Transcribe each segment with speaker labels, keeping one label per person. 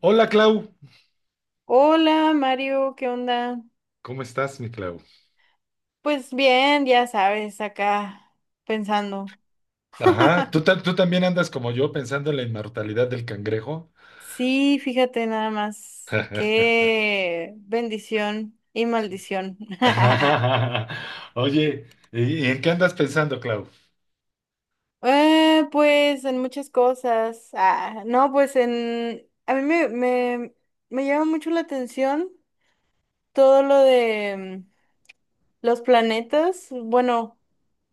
Speaker 1: Hola Clau,
Speaker 2: Hola Mario, ¿qué onda?
Speaker 1: ¿cómo estás, mi Clau?
Speaker 2: Pues bien, ya sabes, acá pensando.
Speaker 1: Ajá, ¿tú también andas como yo pensando en la inmortalidad del cangrejo?
Speaker 2: Sí, fíjate nada más, qué bendición y maldición.
Speaker 1: Oye, ¿y en qué andas pensando, Clau?
Speaker 2: Pues en muchas cosas. Ah, no, pues en... A mí me llama mucho la atención todo lo de... Los planetas, bueno,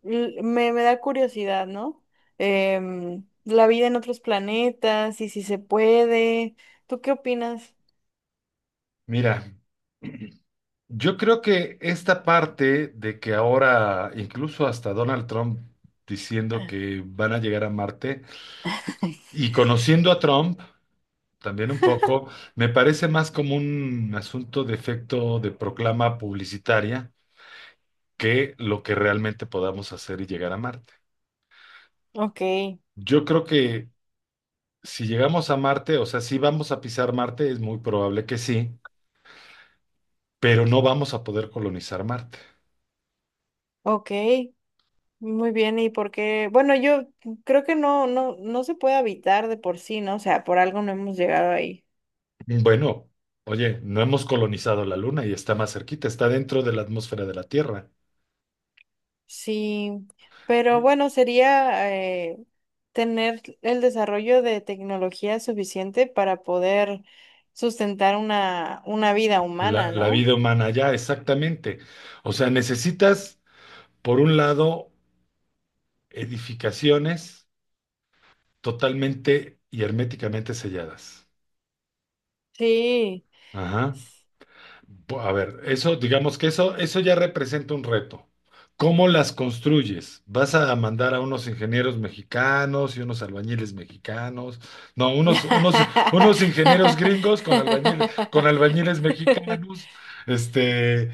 Speaker 2: me da curiosidad, ¿no? La vida en otros planetas y si se puede. ¿Tú qué opinas?
Speaker 1: Mira, yo creo que esta parte de que ahora incluso hasta Donald Trump diciendo que van a llegar a Marte y conociendo a Trump también un poco, me parece más como un asunto de efecto de proclama publicitaria que lo que realmente podamos hacer y llegar a Marte.
Speaker 2: Ok,
Speaker 1: Yo creo que si llegamos a Marte, o sea, si vamos a pisar Marte, es muy probable que sí, pero no vamos a poder colonizar Marte.
Speaker 2: ok, muy bien. ¿Y por qué? Bueno, yo creo que no, no se puede habitar de por sí, ¿no? O sea, por algo no hemos llegado ahí.
Speaker 1: Bueno, oye, no hemos colonizado la Luna y está más cerquita, está dentro de la atmósfera de la Tierra.
Speaker 2: Sí, pero
Speaker 1: Y
Speaker 2: bueno, sería tener el desarrollo de tecnología suficiente para poder sustentar una vida humana,
Speaker 1: la
Speaker 2: ¿no?
Speaker 1: vida humana ya, exactamente. O sea, necesitas, por un lado, edificaciones totalmente y herméticamente selladas.
Speaker 2: Sí.
Speaker 1: Ajá. A ver, eso, digamos que eso ya representa un reto. ¿Cómo las construyes? ¿Vas a mandar a unos ingenieros mexicanos y unos albañiles mexicanos? No, unos ingenieros gringos con albañiles mexicanos, este,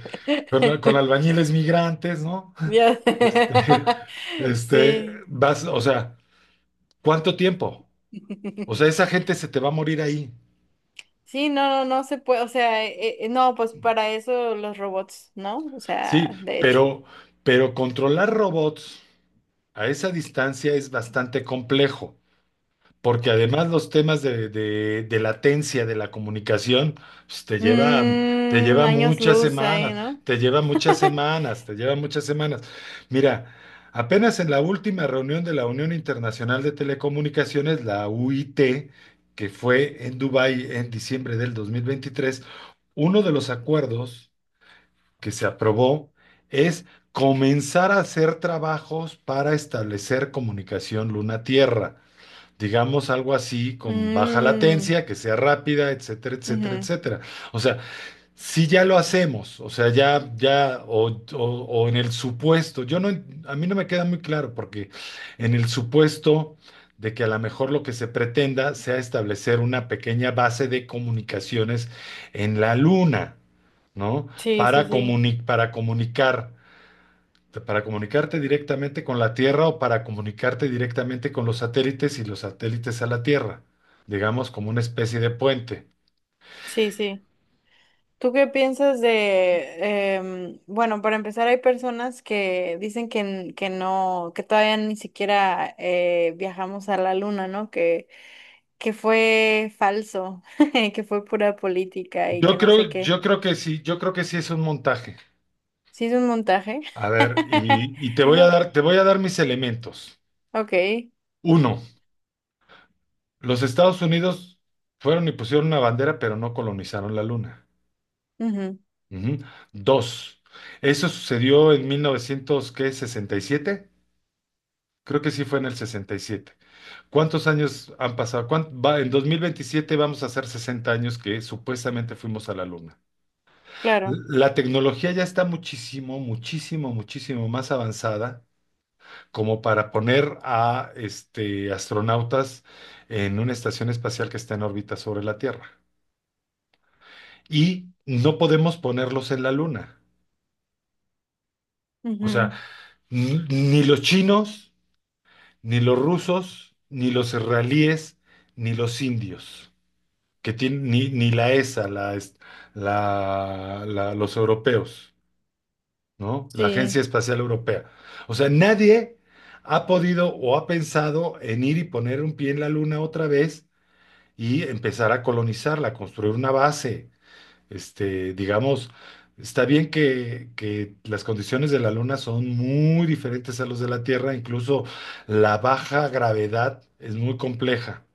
Speaker 1: con albañiles migrantes, ¿no?
Speaker 2: Ya-
Speaker 1: Este,
Speaker 2: Sí.
Speaker 1: vas, o sea, ¿cuánto tiempo? O sea, esa gente se te va a morir ahí.
Speaker 2: Sí, no, no, no se puede, o sea, no, pues para eso los robots, ¿no? O
Speaker 1: Sí,
Speaker 2: sea, de hecho.
Speaker 1: pero, pero controlar robots. A esa distancia es bastante complejo, porque además los temas de latencia de la comunicación pues, te
Speaker 2: Mm,
Speaker 1: lleva
Speaker 2: años
Speaker 1: muchas
Speaker 2: luz ahí,
Speaker 1: semanas,
Speaker 2: ¿no?
Speaker 1: te lleva muchas semanas, te lleva muchas semanas. Mira, apenas en la última reunión de la Unión Internacional de Telecomunicaciones, la UIT, que fue en Dubái en diciembre del 2023, uno de los acuerdos que se aprobó es comenzar a hacer trabajos para establecer comunicación luna-tierra. Digamos algo así, con baja
Speaker 2: Mm,
Speaker 1: latencia, que sea rápida, etcétera, etcétera,
Speaker 2: ujú.
Speaker 1: etcétera. O sea, si ya lo hacemos, o sea, o en el supuesto, yo no, en- a mí no me queda muy claro, porque en el supuesto de que a lo mejor lo que se pretenda sea establecer una pequeña base de comunicaciones en la Luna, ¿no?
Speaker 2: Sí, sí, sí,
Speaker 1: Para comunicar, para comunicarte directamente con la Tierra o para comunicarte directamente con los satélites y los satélites a la Tierra, digamos como una especie de puente.
Speaker 2: sí, sí. ¿Tú qué piensas de, bueno, para empezar, hay personas que dicen que, que no, que todavía ni siquiera viajamos a la luna, ¿no? Que fue falso, que fue pura política y que
Speaker 1: Yo
Speaker 2: no sé
Speaker 1: creo,
Speaker 2: qué.
Speaker 1: yo creo que sí, yo creo que sí es un montaje.
Speaker 2: ¿Sí es un montaje?
Speaker 1: A ver, te voy a dar, te voy a dar mis elementos.
Speaker 2: Ok,
Speaker 1: Uno, los Estados Unidos fueron y pusieron una bandera, pero no colonizaron la Luna.
Speaker 2: ujú,
Speaker 1: Ujú. Dos, eso sucedió en 1967, sesenta y siete. Creo que sí fue en el 67. ¿Cuántos años han pasado? En 2027 vamos a hacer 60 años que supuestamente fuimos a la Luna.
Speaker 2: claro,
Speaker 1: La tecnología ya está muchísimo, muchísimo, muchísimo más avanzada, como para poner a este, astronautas en una estación espacial que está en órbita sobre la Tierra. Y no podemos ponerlos en la Luna. O
Speaker 2: ujú,
Speaker 1: sea, ni los chinos, ni los rusos, ni los israelíes, ni los indios, que tienen, ni la ESA, la, es- la- la- los europeos, ¿no? La Agencia
Speaker 2: sí.
Speaker 1: Espacial Europea. O sea, nadie ha podido o ha pensado en ir y poner un pie en la Luna otra vez y empezar a colonizarla, construir una base. Este, digamos, está bien que las condiciones de la Luna son muy diferentes a los de la Tierra, incluso la baja gravedad es muy compleja.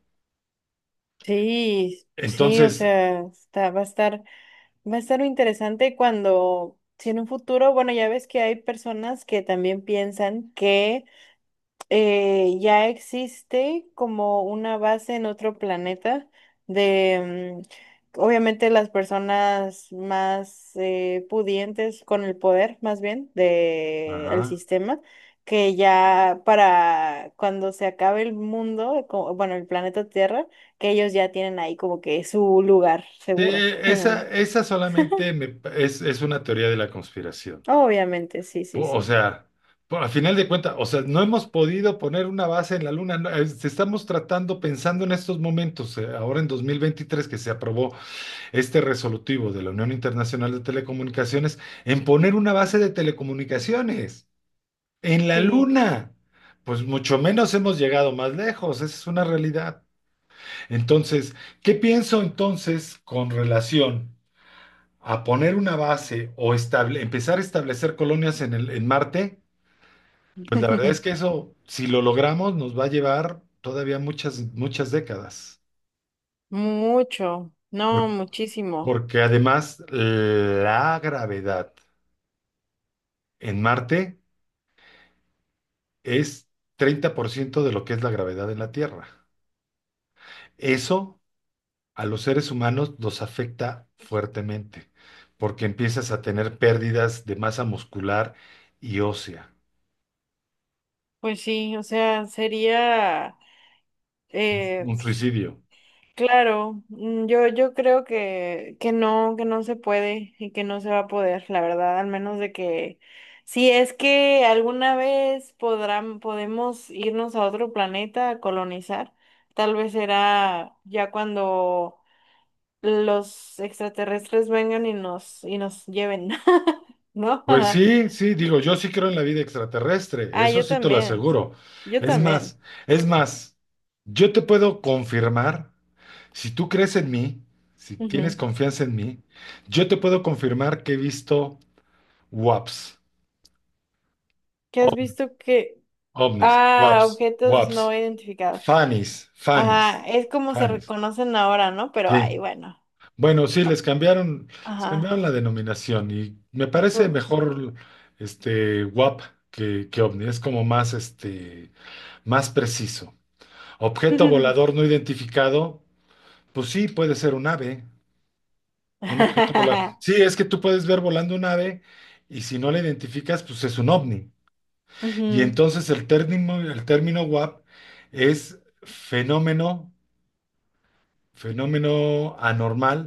Speaker 2: Sí, sí, o
Speaker 1: Entonces,
Speaker 2: sea, va a estar va a estar interesante cuando, si en un futuro, bueno, ya ves que hay personas que también piensan que ya existe como una base en otro planeta de, mm, obviamente las personas más pudientes con el poder, más bien, de el
Speaker 1: ajá.
Speaker 2: sistema, que ya para cuando se acabe el mundo, bueno, el planeta Tierra, que ellos ya tienen ahí como que su lugar
Speaker 1: Sí,
Speaker 2: seguro.
Speaker 1: esa solamente es una teoría de la conspiración.
Speaker 2: Obviamente, sí, sí,
Speaker 1: O
Speaker 2: sí.
Speaker 1: sea, a final de cuentas, o sea, no hemos podido poner una base en la Luna. No, estamos tratando, pensando en estos momentos, ahora en 2023 que se aprobó este resolutivo de la Unión Internacional de Telecomunicaciones en poner una base de telecomunicaciones en la
Speaker 2: Sí,
Speaker 1: Luna. Pues mucho menos hemos llegado más lejos, esa es una realidad. Entonces, ¿qué pienso entonces con relación a poner una base empezar a establecer colonias en el, en Marte? Pues la verdad es que eso, si lo logramos, nos va a llevar todavía muchas, muchas décadas.
Speaker 2: mucho, no,
Speaker 1: Por-
Speaker 2: muchísimo.
Speaker 1: porque además la gravedad en Marte es 30% de lo que es la gravedad en la Tierra. Eso a los seres humanos nos afecta fuertemente, porque empiezas a tener pérdidas de masa muscular y ósea,
Speaker 2: Pues sí, o sea, sería, eh,
Speaker 1: un suicidio.
Speaker 2: claro, mm, yo creo que no se puede y que no se va a poder, la verdad, al menos de que, si es que alguna vez podrán, podemos irnos a otro planeta a colonizar, tal vez será ya cuando los extraterrestres vengan y nos lleven, ¿no?
Speaker 1: Pues sí, sí, digo, yo sí creo en la vida extraterrestre,
Speaker 2: Ah,
Speaker 1: eso
Speaker 2: yo
Speaker 1: sí te lo
Speaker 2: también,
Speaker 1: aseguro.
Speaker 2: yo
Speaker 1: Es
Speaker 2: también.
Speaker 1: más, es más, yo te puedo confirmar, si tú crees en mí, si tienes
Speaker 2: Ujú.
Speaker 1: confianza en mí, yo te puedo confirmar que he visto WAPs,
Speaker 2: ¿Qué has visto que...
Speaker 1: ovnis,
Speaker 2: Ah,
Speaker 1: waps,
Speaker 2: objetos
Speaker 1: waps,
Speaker 2: no identificados.
Speaker 1: fanis,
Speaker 2: Ajá, es como se
Speaker 1: fanis.
Speaker 2: reconocen ahora, ¿no? Pero ay,
Speaker 1: Sí.
Speaker 2: bueno.
Speaker 1: Bueno, sí,
Speaker 2: O-
Speaker 1: les
Speaker 2: Ajá.
Speaker 1: cambiaron la denominación y me parece
Speaker 2: Pero-
Speaker 1: mejor este WAP que ovni. Es como más este, más preciso. Objeto volador no identificado, pues sí, puede ser un ave, un objeto volador. Sí, es que tú puedes ver volando un ave y si no la identificas, pues es un ovni. Y
Speaker 2: Ujú.
Speaker 1: entonces el término WAP es fenómeno, fenómeno anormal,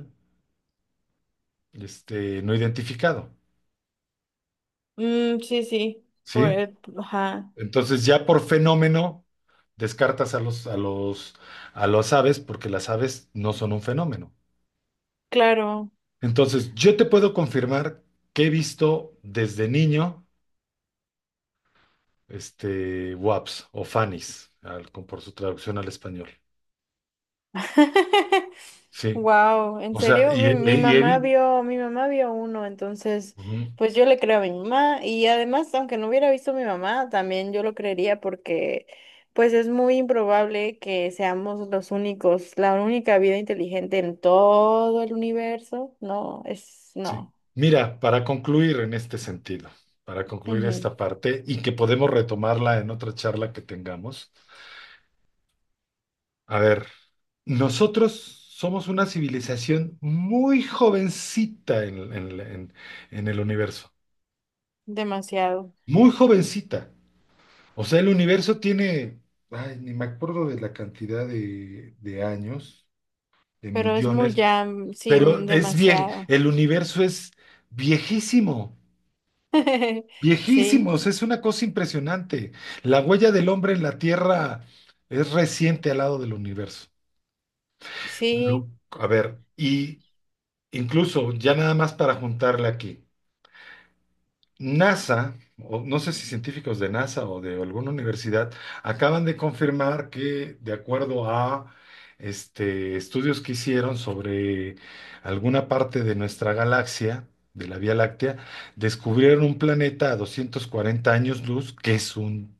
Speaker 1: este, no identificado,
Speaker 2: Mm, sí, sí.
Speaker 1: ¿sí?
Speaker 2: Pues, ajá.
Speaker 1: Entonces ya por fenómeno descartas a las aves porque las aves no son un fenómeno.
Speaker 2: Claro.
Speaker 1: Entonces yo te puedo confirmar que he visto desde niño, este, waps o fanis, por su traducción al español, ¿sí?
Speaker 2: Wow, ¿en
Speaker 1: O sea,
Speaker 2: serio? Mi
Speaker 1: y he
Speaker 2: mamá
Speaker 1: visto...
Speaker 2: vio, mi mamá vio uno, entonces, pues yo le creo a mi mamá y además, aunque no hubiera visto a mi mamá, también yo lo creería porque, pues es muy improbable que seamos los únicos, la única vida inteligente en todo el universo. No, es,
Speaker 1: Sí.
Speaker 2: no,
Speaker 1: Mira, para concluir en este sentido, para concluir
Speaker 2: ujú,
Speaker 1: esta parte y que podemos retomarla en otra charla que tengamos. A ver, nosotros somos una civilización muy jovencita en el universo,
Speaker 2: demasiado,
Speaker 1: muy jovencita. O sea, el universo tiene, ay, ni me acuerdo de la cantidad de años, de
Speaker 2: pero es muy
Speaker 1: millones,
Speaker 2: ya, mm, sí,
Speaker 1: pero
Speaker 2: mm,
Speaker 1: es bien,
Speaker 2: demasiado.
Speaker 1: el universo es viejísimo.
Speaker 2: Sí,
Speaker 1: Viejísimos, es una cosa impresionante. La huella del hombre en la Tierra es reciente al lado del universo.
Speaker 2: sí.
Speaker 1: A ver, y incluso ya nada más para juntarle aquí. NASA, o no sé si científicos de NASA o de alguna universidad, acaban de confirmar que, de acuerdo a este, estudios que hicieron sobre alguna parte de nuestra galaxia, de la Vía Láctea, descubrieron un planeta a 240 años luz, que es un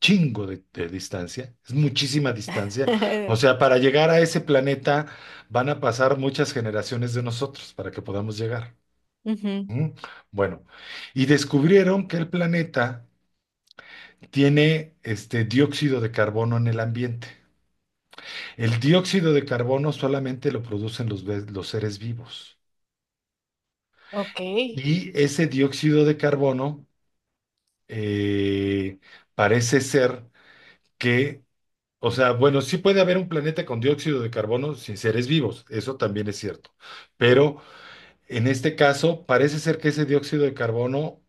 Speaker 1: chingo de distancia, es muchísima distancia. O sea, para llegar a ese planeta van a pasar muchas generaciones de nosotros para que podamos llegar.
Speaker 2: Ujú,
Speaker 1: Mm, bueno, y descubrieron que el planeta tiene este dióxido de carbono en el ambiente. El dióxido de carbono solamente lo producen los, los seres vivos.
Speaker 2: ok.
Speaker 1: Y ese dióxido de carbono, eh, parece ser que, o sea, bueno, sí puede haber un planeta con dióxido de carbono sin seres vivos, eso también es cierto. Pero en este caso, parece ser que ese dióxido de carbono,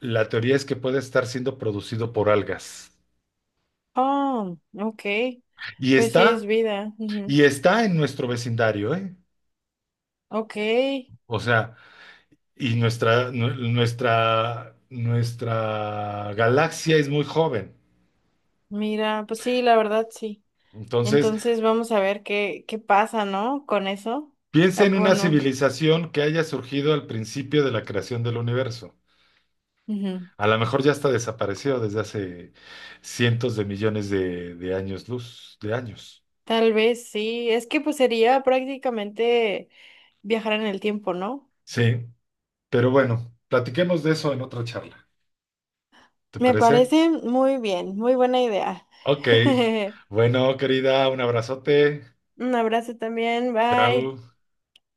Speaker 1: la teoría es que puede estar siendo producido por algas.
Speaker 2: Oh, ok.
Speaker 1: Y
Speaker 2: Pues sí es
Speaker 1: está,
Speaker 2: vida. Ujú.
Speaker 1: y está en nuestro vecindario, ¿eh?
Speaker 2: Ok.
Speaker 1: O sea, y nuestra galaxia es muy joven.
Speaker 2: Mira, pues sí, la verdad sí.
Speaker 1: Entonces,
Speaker 2: Entonces vamos a ver qué, qué pasa, ¿no? Con eso. Ah,
Speaker 1: piensa en una
Speaker 2: bueno,
Speaker 1: civilización que haya surgido al principio de la creación del universo.
Speaker 2: ujú.
Speaker 1: A lo mejor ya está desaparecido desde hace cientos de millones de años luz, de años.
Speaker 2: Tal vez sí. Es que pues sería prácticamente viajar en el tiempo, ¿no?
Speaker 1: Sí, pero bueno, platiquemos de eso en otra charla. ¿Te
Speaker 2: Me
Speaker 1: parece?
Speaker 2: parece muy bien, muy buena idea.
Speaker 1: Ok. Bueno, querida, un abrazote.
Speaker 2: Un abrazo también, bye.
Speaker 1: Chao.